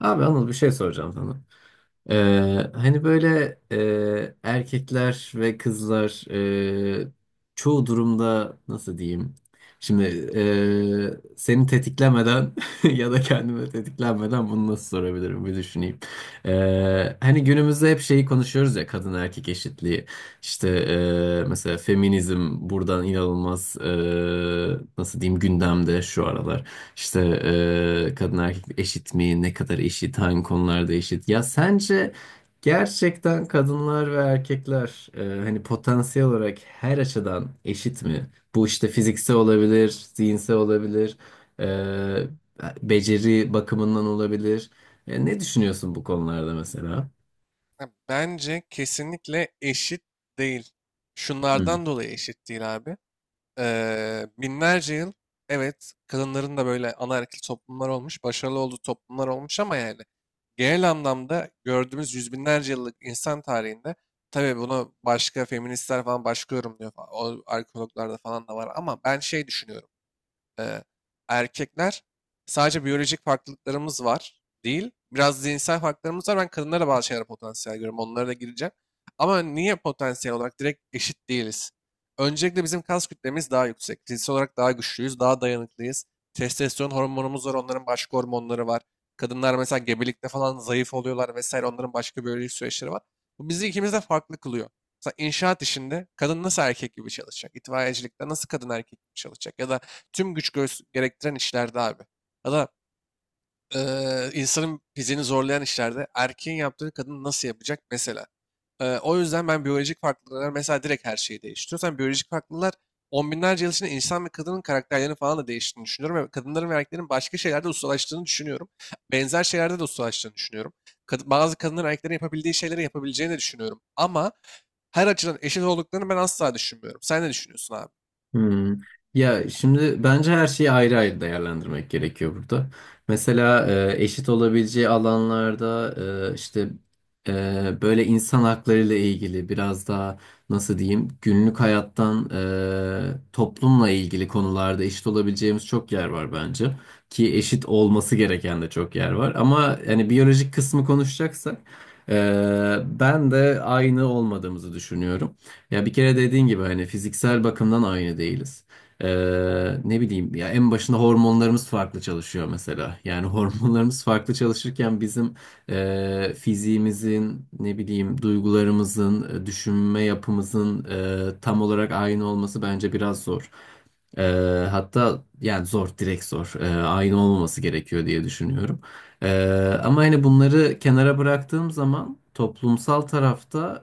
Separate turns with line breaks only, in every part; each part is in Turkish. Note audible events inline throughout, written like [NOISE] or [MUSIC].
Abi Anıl bir şey soracağım sana. Hani böyle erkekler ve kızlar e, çoğu durumda nasıl diyeyim? Şimdi seni tetiklemeden [LAUGHS] ya da kendimi tetiklenmeden bunu nasıl sorabilirim bir düşüneyim. Hani günümüzde hep şeyi konuşuyoruz ya kadın erkek eşitliği. İşte mesela feminizm buradan inanılmaz nasıl diyeyim gündemde şu aralar. İşte kadın erkek eşit mi? Ne kadar eşit? Hangi konularda eşit? Ya sence gerçekten kadınlar ve erkekler hani potansiyel olarak her açıdan eşit mi? Bu işte fiziksel olabilir, zihinsel olabilir, e, beceri bakımından olabilir. Ne düşünüyorsun bu konularda mesela?
Bence kesinlikle eşit değil. Şunlardan dolayı eşit değil abi. Binlerce yıl, evet, kadınların da böyle anaerkil toplumlar olmuş, başarılı olduğu toplumlar olmuş, ama yani genel anlamda gördüğümüz yüz binlerce yıllık insan tarihinde, tabii bunu başka feministler falan başka yorumluyor falan, o arkeologlarda falan da var, ama ben şey düşünüyorum. e, Erkekler sadece biyolojik farklılıklarımız var değil. Biraz zihinsel farklılıklarımız var. Ben kadınlara bazı şeyler potansiyel görüyorum. Onlara da gireceğim. Ama niye potansiyel olarak direkt eşit değiliz? Öncelikle bizim kas kütlemiz daha yüksek. Fiziksel olarak daha güçlüyüz, daha dayanıklıyız. Testosteron hormonumuz var, onların başka hormonları var. Kadınlar mesela gebelikte falan zayıf oluyorlar vesaire. Onların başka biyolojik süreçleri var. Bu bizi ikimiz de farklı kılıyor. Mesela inşaat işinde kadın nasıl erkek gibi çalışacak? İtfaiyecilikte nasıl kadın erkek gibi çalışacak? Ya da tüm güç gerektiren işlerde abi. Ya da insanın fiziğini zorlayan işlerde erkeğin yaptığını kadın nasıl yapacak mesela. O yüzden ben biyolojik farklılıklar mesela direkt her şeyi değiştiriyor. Sen biyolojik farklılıklar on binlerce yıl içinde insan ve kadının karakterlerini falan da değiştiğini düşünüyorum. Ve kadınların ve erkeklerin başka şeylerde ustalaştığını düşünüyorum. Benzer şeylerde de ustalaştığını düşünüyorum. Bazı kadınların erkeklerin yapabildiği şeyleri yapabileceğini de düşünüyorum. Ama her açıdan eşit olduklarını ben asla düşünmüyorum. Sen ne düşünüyorsun abi?
Hmm. Ya şimdi bence her şeyi ayrı ayrı değerlendirmek gerekiyor burada. Mesela eşit olabileceği alanlarda işte böyle insan hakları ile ilgili biraz daha nasıl diyeyim günlük hayattan toplumla ilgili konularda eşit olabileceğimiz çok yer var bence. Ki eşit olması gereken de çok yer var. Ama yani biyolojik kısmı konuşacaksak ben de aynı olmadığımızı düşünüyorum. Ya bir kere dediğin gibi hani fiziksel bakımdan aynı değiliz. Ee, Ne bileyim ya en başında hormonlarımız farklı çalışıyor mesela. Yani [LAUGHS] hormonlarımız farklı çalışırken bizim fiziğimizin ne bileyim duygularımızın, düşünme yapımızın tam olarak aynı olması bence biraz zor. Ee, Hatta yani zor direkt zor. Aynı olmaması gerekiyor diye düşünüyorum. Ama hani bunları kenara bıraktığım zaman toplumsal tarafta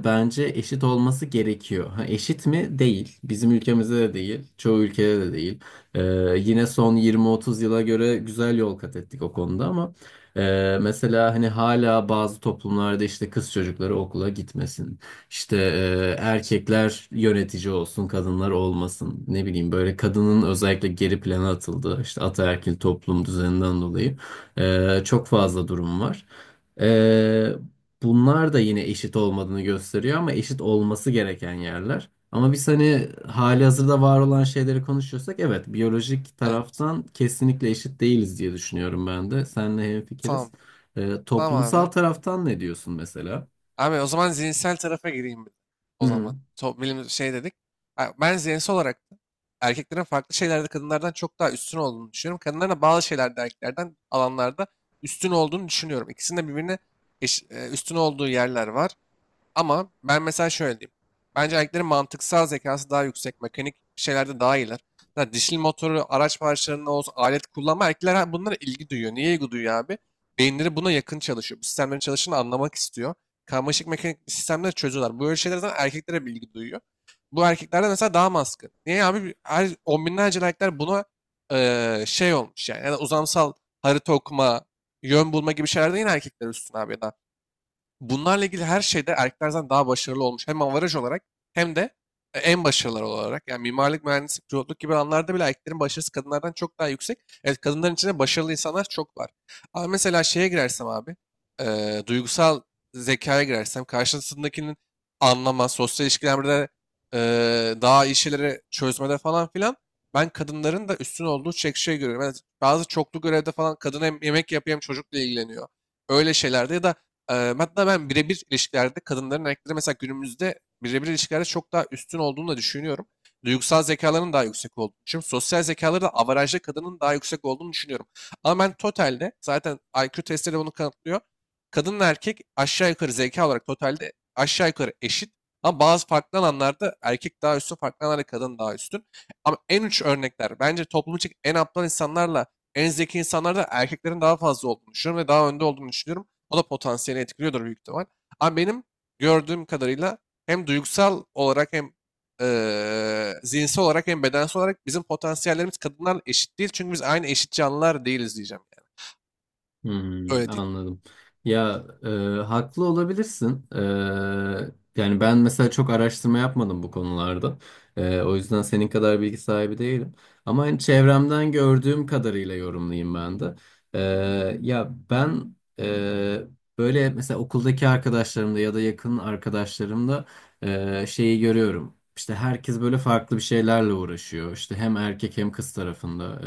bence eşit olması gerekiyor. Ha, eşit mi? Değil. Bizim ülkemizde de değil. Çoğu ülkede de değil. Ee, Yine son 20-30 yıla göre güzel yol kat ettik o konuda ama mesela hani hala bazı toplumlarda işte kız çocukları okula gitmesin. İşte
Evet.
erkekler yönetici olsun, kadınlar olmasın. Ne bileyim böyle kadının özellikle geri plana atıldığı işte ataerkil toplum düzeninden dolayı. Çok fazla durum var. Ee, Bunlar da yine eşit olmadığını gösteriyor ama eşit olması gereken yerler. Ama biz hani halihazırda var olan şeyleri konuşuyorsak evet biyolojik
Evet.
taraftan kesinlikle eşit değiliz diye düşünüyorum ben de. Seninle hemfikiriz.
Tamam. Tamam
Toplumsal
abi.
taraftan ne diyorsun mesela?
Abi, o zaman zihinsel tarafa gireyim bir de.
Hı
O
hı.
zaman. So, bilim şey dedik. Ha, ben zihinsel olarak da erkeklerin farklı şeylerde kadınlardan çok daha üstün olduğunu düşünüyorum. Kadınların da bazı şeylerde erkeklerden alanlarda üstün olduğunu düşünüyorum. İkisinin de birbirine üstün olduğu yerler var. Ama ben mesela şöyle diyeyim. Bence erkeklerin mantıksal zekası daha yüksek. Mekanik şeylerde daha iyiler. Zaten dişli motoru, araç parçalarının olsun, alet kullanma. Erkekler bunlara ilgi duyuyor. Niye ilgi duyuyor abi? Beyinleri buna yakın çalışıyor. Bu sistemlerin çalışını anlamak istiyor. Karmaşık mekanik sistemleri çözüyorlar. Böyle şeyler zaten erkeklere bir ilgi duyuyor. Bu erkeklerde mesela daha maskın. Niye abi? Her on binlerce erkekler buna şey olmuş yani. Yani uzamsal harita okuma, yön bulma gibi şeylerde yine erkekler üstün abi, ya da bunlarla ilgili her şeyde erkeklerden daha başarılı olmuş. Hem avaraj olarak hem de en başarılılar olarak. Yani mimarlık, mühendislik, pilotluk gibi alanlarda bile erkeklerin başarısı kadınlardan çok daha yüksek. Evet, kadınların içinde başarılı insanlar çok var. Ama mesela şeye girersem abi, duygusal zekaya girersem karşısındakinin anlama, sosyal ilişkilerde e, daha iyi şeyleri çözmede falan filan, ben kadınların da üstün olduğu çek şey görüyorum. Yani bazı çoklu görevde falan kadın hem yemek yapıyor hem çocukla ilgileniyor. Öyle şeylerde ya da hatta ben birebir ilişkilerde kadınların erkeklere mesela günümüzde birebir ilişkilerde çok daha üstün olduğunu da düşünüyorum. Duygusal zekalarının daha yüksek olduğunu düşünüyorum. Sosyal zekaları da avarajda kadının daha yüksek olduğunu düşünüyorum. Ama ben totalde zaten IQ testleri bunu kanıtlıyor. Kadınla erkek aşağı yukarı zeka olarak totalde aşağı yukarı eşit. Ama bazı farklı alanlarda erkek daha üstün, farklı alanlarda kadın daha üstün. Ama en uç örnekler, bence toplum için en aptal insanlarla en zeki insanlarda erkeklerin daha fazla olduğunu düşünüyorum ve daha önde olduğunu düşünüyorum. O da potansiyelini etkiliyordur büyük ihtimal. Ama benim gördüğüm kadarıyla hem duygusal olarak hem zihinsel olarak hem bedensel olarak bizim potansiyellerimiz kadınlarla eşit değil. Çünkü biz aynı eşit canlılar değiliz diyeceğim. Yani.
Hmm,
Öyle diyeyim.
anladım. Ya haklı olabilirsin. Yani ben mesela çok araştırma yapmadım bu konularda. O yüzden senin kadar bilgi sahibi değilim. Ama hani çevremden gördüğüm kadarıyla yorumlayayım ben de. E, Ya ben böyle mesela okuldaki arkadaşlarımda ya da yakın arkadaşlarımda şeyi görüyorum. İşte herkes böyle farklı bir şeylerle uğraşıyor. İşte hem erkek hem kız tarafında.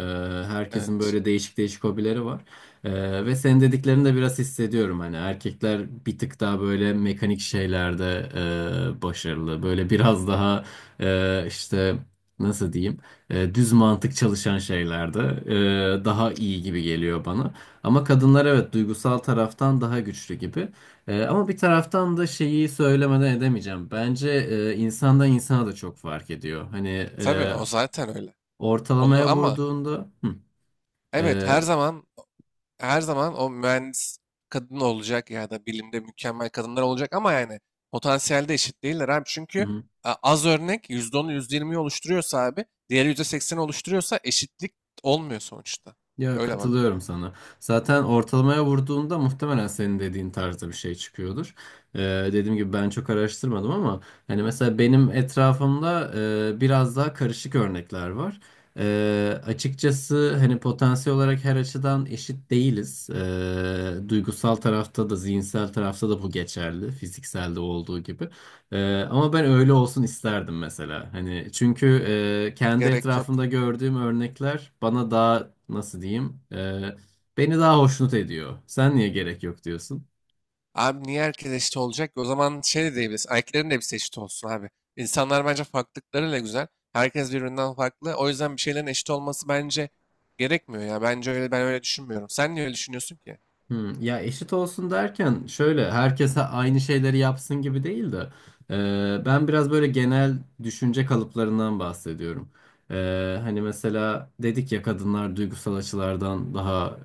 Herkesin
Evet.
böyle değişik değişik hobileri var. Ve senin dediklerini de biraz hissediyorum hani erkekler bir tık daha böyle mekanik şeylerde başarılı böyle biraz daha işte nasıl diyeyim düz mantık çalışan şeylerde daha iyi gibi geliyor bana ama kadınlar evet duygusal taraftan daha güçlü gibi. Ama bir taraftan da şeyi söylemeden edemeyeceğim bence insandan insana da çok fark ediyor hani
Tabii,
e,
o zaten öyle. Onu
ortalamaya
ama
vurduğunda hı,
evet,
e,
her zaman, o mühendis kadın olacak ya da bilimde mükemmel kadınlar olacak, ama yani potansiyelde eşit değiller abi. Çünkü
hı.
az örnek yüzde onu, yüzde %20'yi oluşturuyorsa abi, diğeri %80'i oluşturuyorsa eşitlik olmuyor sonuçta.
Ya
Öyle bak.
katılıyorum sana. Zaten ortalamaya vurduğunda muhtemelen senin dediğin tarzda bir şey çıkıyordur. Ee, Dediğim gibi ben çok araştırmadım ama hani mesela benim etrafımda biraz daha karışık örnekler var. Açıkçası hani potansiyel olarak her açıdan eşit değiliz. Duygusal tarafta da zihinsel tarafta da bu geçerli. Fizikselde olduğu gibi. Ama ben öyle olsun isterdim mesela. Hani çünkü kendi
Gerek yok.
etrafımda gördüğüm örnekler bana daha nasıl diyeyim beni daha hoşnut ediyor. Sen niye gerek yok diyorsun?
Abi, niye herkes eşit olacak ki? O zaman şey de diyebilirsin. Erkeklerin de hepsi eşit olsun abi. İnsanlar bence farklılıklarıyla güzel. Herkes birbirinden farklı. O yüzden bir şeylerin eşit olması bence gerekmiyor ya. Bence öyle, ben öyle düşünmüyorum. Sen niye öyle düşünüyorsun ki?
Hmm, ya eşit olsun derken şöyle herkese aynı şeyleri yapsın gibi değil de ben biraz böyle genel düşünce kalıplarından bahsediyorum. Hani mesela dedik ya kadınlar duygusal açılardan daha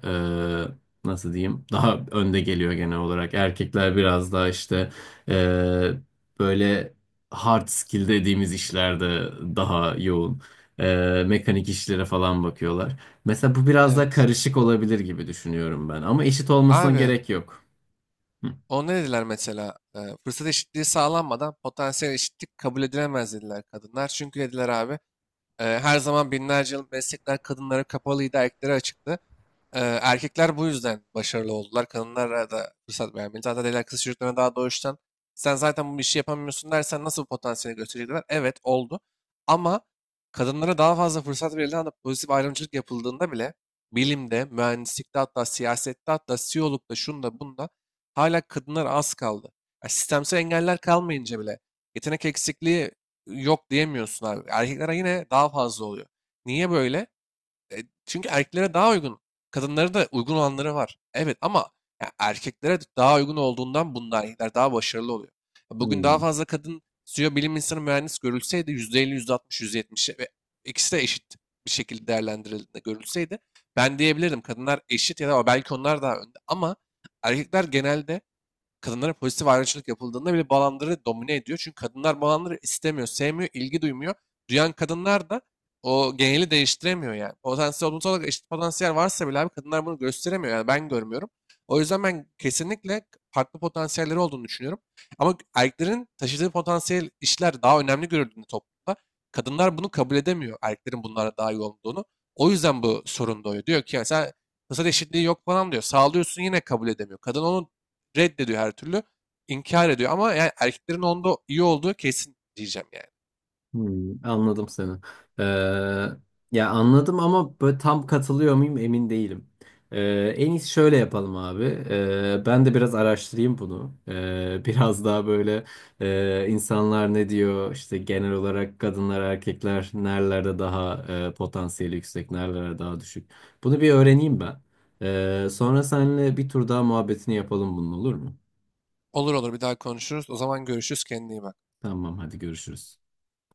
nasıl diyeyim daha önde geliyor genel olarak. Erkekler biraz daha işte e, böyle hard skill dediğimiz işlerde daha yoğun. Mekanik işlere falan bakıyorlar. Mesela bu biraz daha
Evet.
karışık olabilir gibi düşünüyorum ben. Ama eşit olmasına
Abi,
gerek yok. Hı.
o ne dediler mesela? Fırsat eşitliği sağlanmadan potansiyel eşitlik kabul edilemez dediler kadınlar. Çünkü dediler abi, her zaman binlerce yıl meslekler kadınlara kapalıydı, erkeklere açıktı. Erkekler bu yüzden başarılı oldular. Kadınlara da fırsat vermeli. Zaten el kız çocuklarına daha doğuştan sen zaten bu işi yapamıyorsun dersen nasıl bu potansiyeli gösterecekler? Evet, oldu. Ama kadınlara daha fazla fırsat verildiğinde anda pozitif ayrımcılık yapıldığında bile bilimde, mühendislikte, hatta siyasette, hatta CEO'lukta, şunda bunda hala kadınlar az kaldı. Ya, sistemsel engeller kalmayınca bile yetenek eksikliği yok diyemiyorsun abi. Erkeklere yine daha fazla oluyor. Niye böyle? E, Çünkü erkeklere daha uygun. Kadınlara da uygun olanları var. Evet, ama ya erkeklere daha uygun olduğundan bunda erkekler daha başarılı oluyor. Bugün daha
Hmm.
fazla kadın CEO, bilim insanı, mühendis görülseydi %50, %60, %70 ve ikisi de eşit bir şekilde değerlendirildiğinde görülseydi, ben diyebilirdim kadınlar eşit ya da belki onlar daha önde, ama erkekler genelde kadınlara pozitif ayrımcılık yapıldığında bile bu alanları domine ediyor. Çünkü kadınlar bu alanları istemiyor, sevmiyor, ilgi duymuyor. Duyan kadınlar da o geneli değiştiremiyor yani. Potansiyel, toplumsal olarak eşit potansiyel varsa bile abi, kadınlar bunu gösteremiyor. Yani ben görmüyorum. O yüzden ben kesinlikle farklı potansiyelleri olduğunu düşünüyorum. Ama erkeklerin taşıdığı potansiyel işler daha önemli görüldüğünde toplumda. Kadınlar bunu kabul edemiyor. Erkeklerin bunlara daha iyi olduğunu. O yüzden bu sorun doğuyor. Diyor ki mesela fırsat eşitliği yok falan diyor. Sağlıyorsun yine kabul edemiyor. Kadın onu reddediyor her türlü. İnkar ediyor, ama yani erkeklerin onda iyi olduğu kesin diyeceğim yani.
Hmm, anladım seni. Ee, Ya anladım ama böyle tam katılıyor muyum emin değilim. En iyisi şöyle yapalım abi. Ben de biraz araştırayım bunu. [LAUGHS] Biraz daha böyle insanlar ne diyor işte genel olarak kadınlar erkekler nerelerde daha potansiyeli yüksek nerelerde daha düşük. Bunu bir öğreneyim ben. Sonra seninle bir tur daha muhabbetini yapalım bunun olur mu?
Olur olur, bir daha konuşuruz. O zaman görüşürüz. Kendine iyi bak.
Tamam hadi görüşürüz.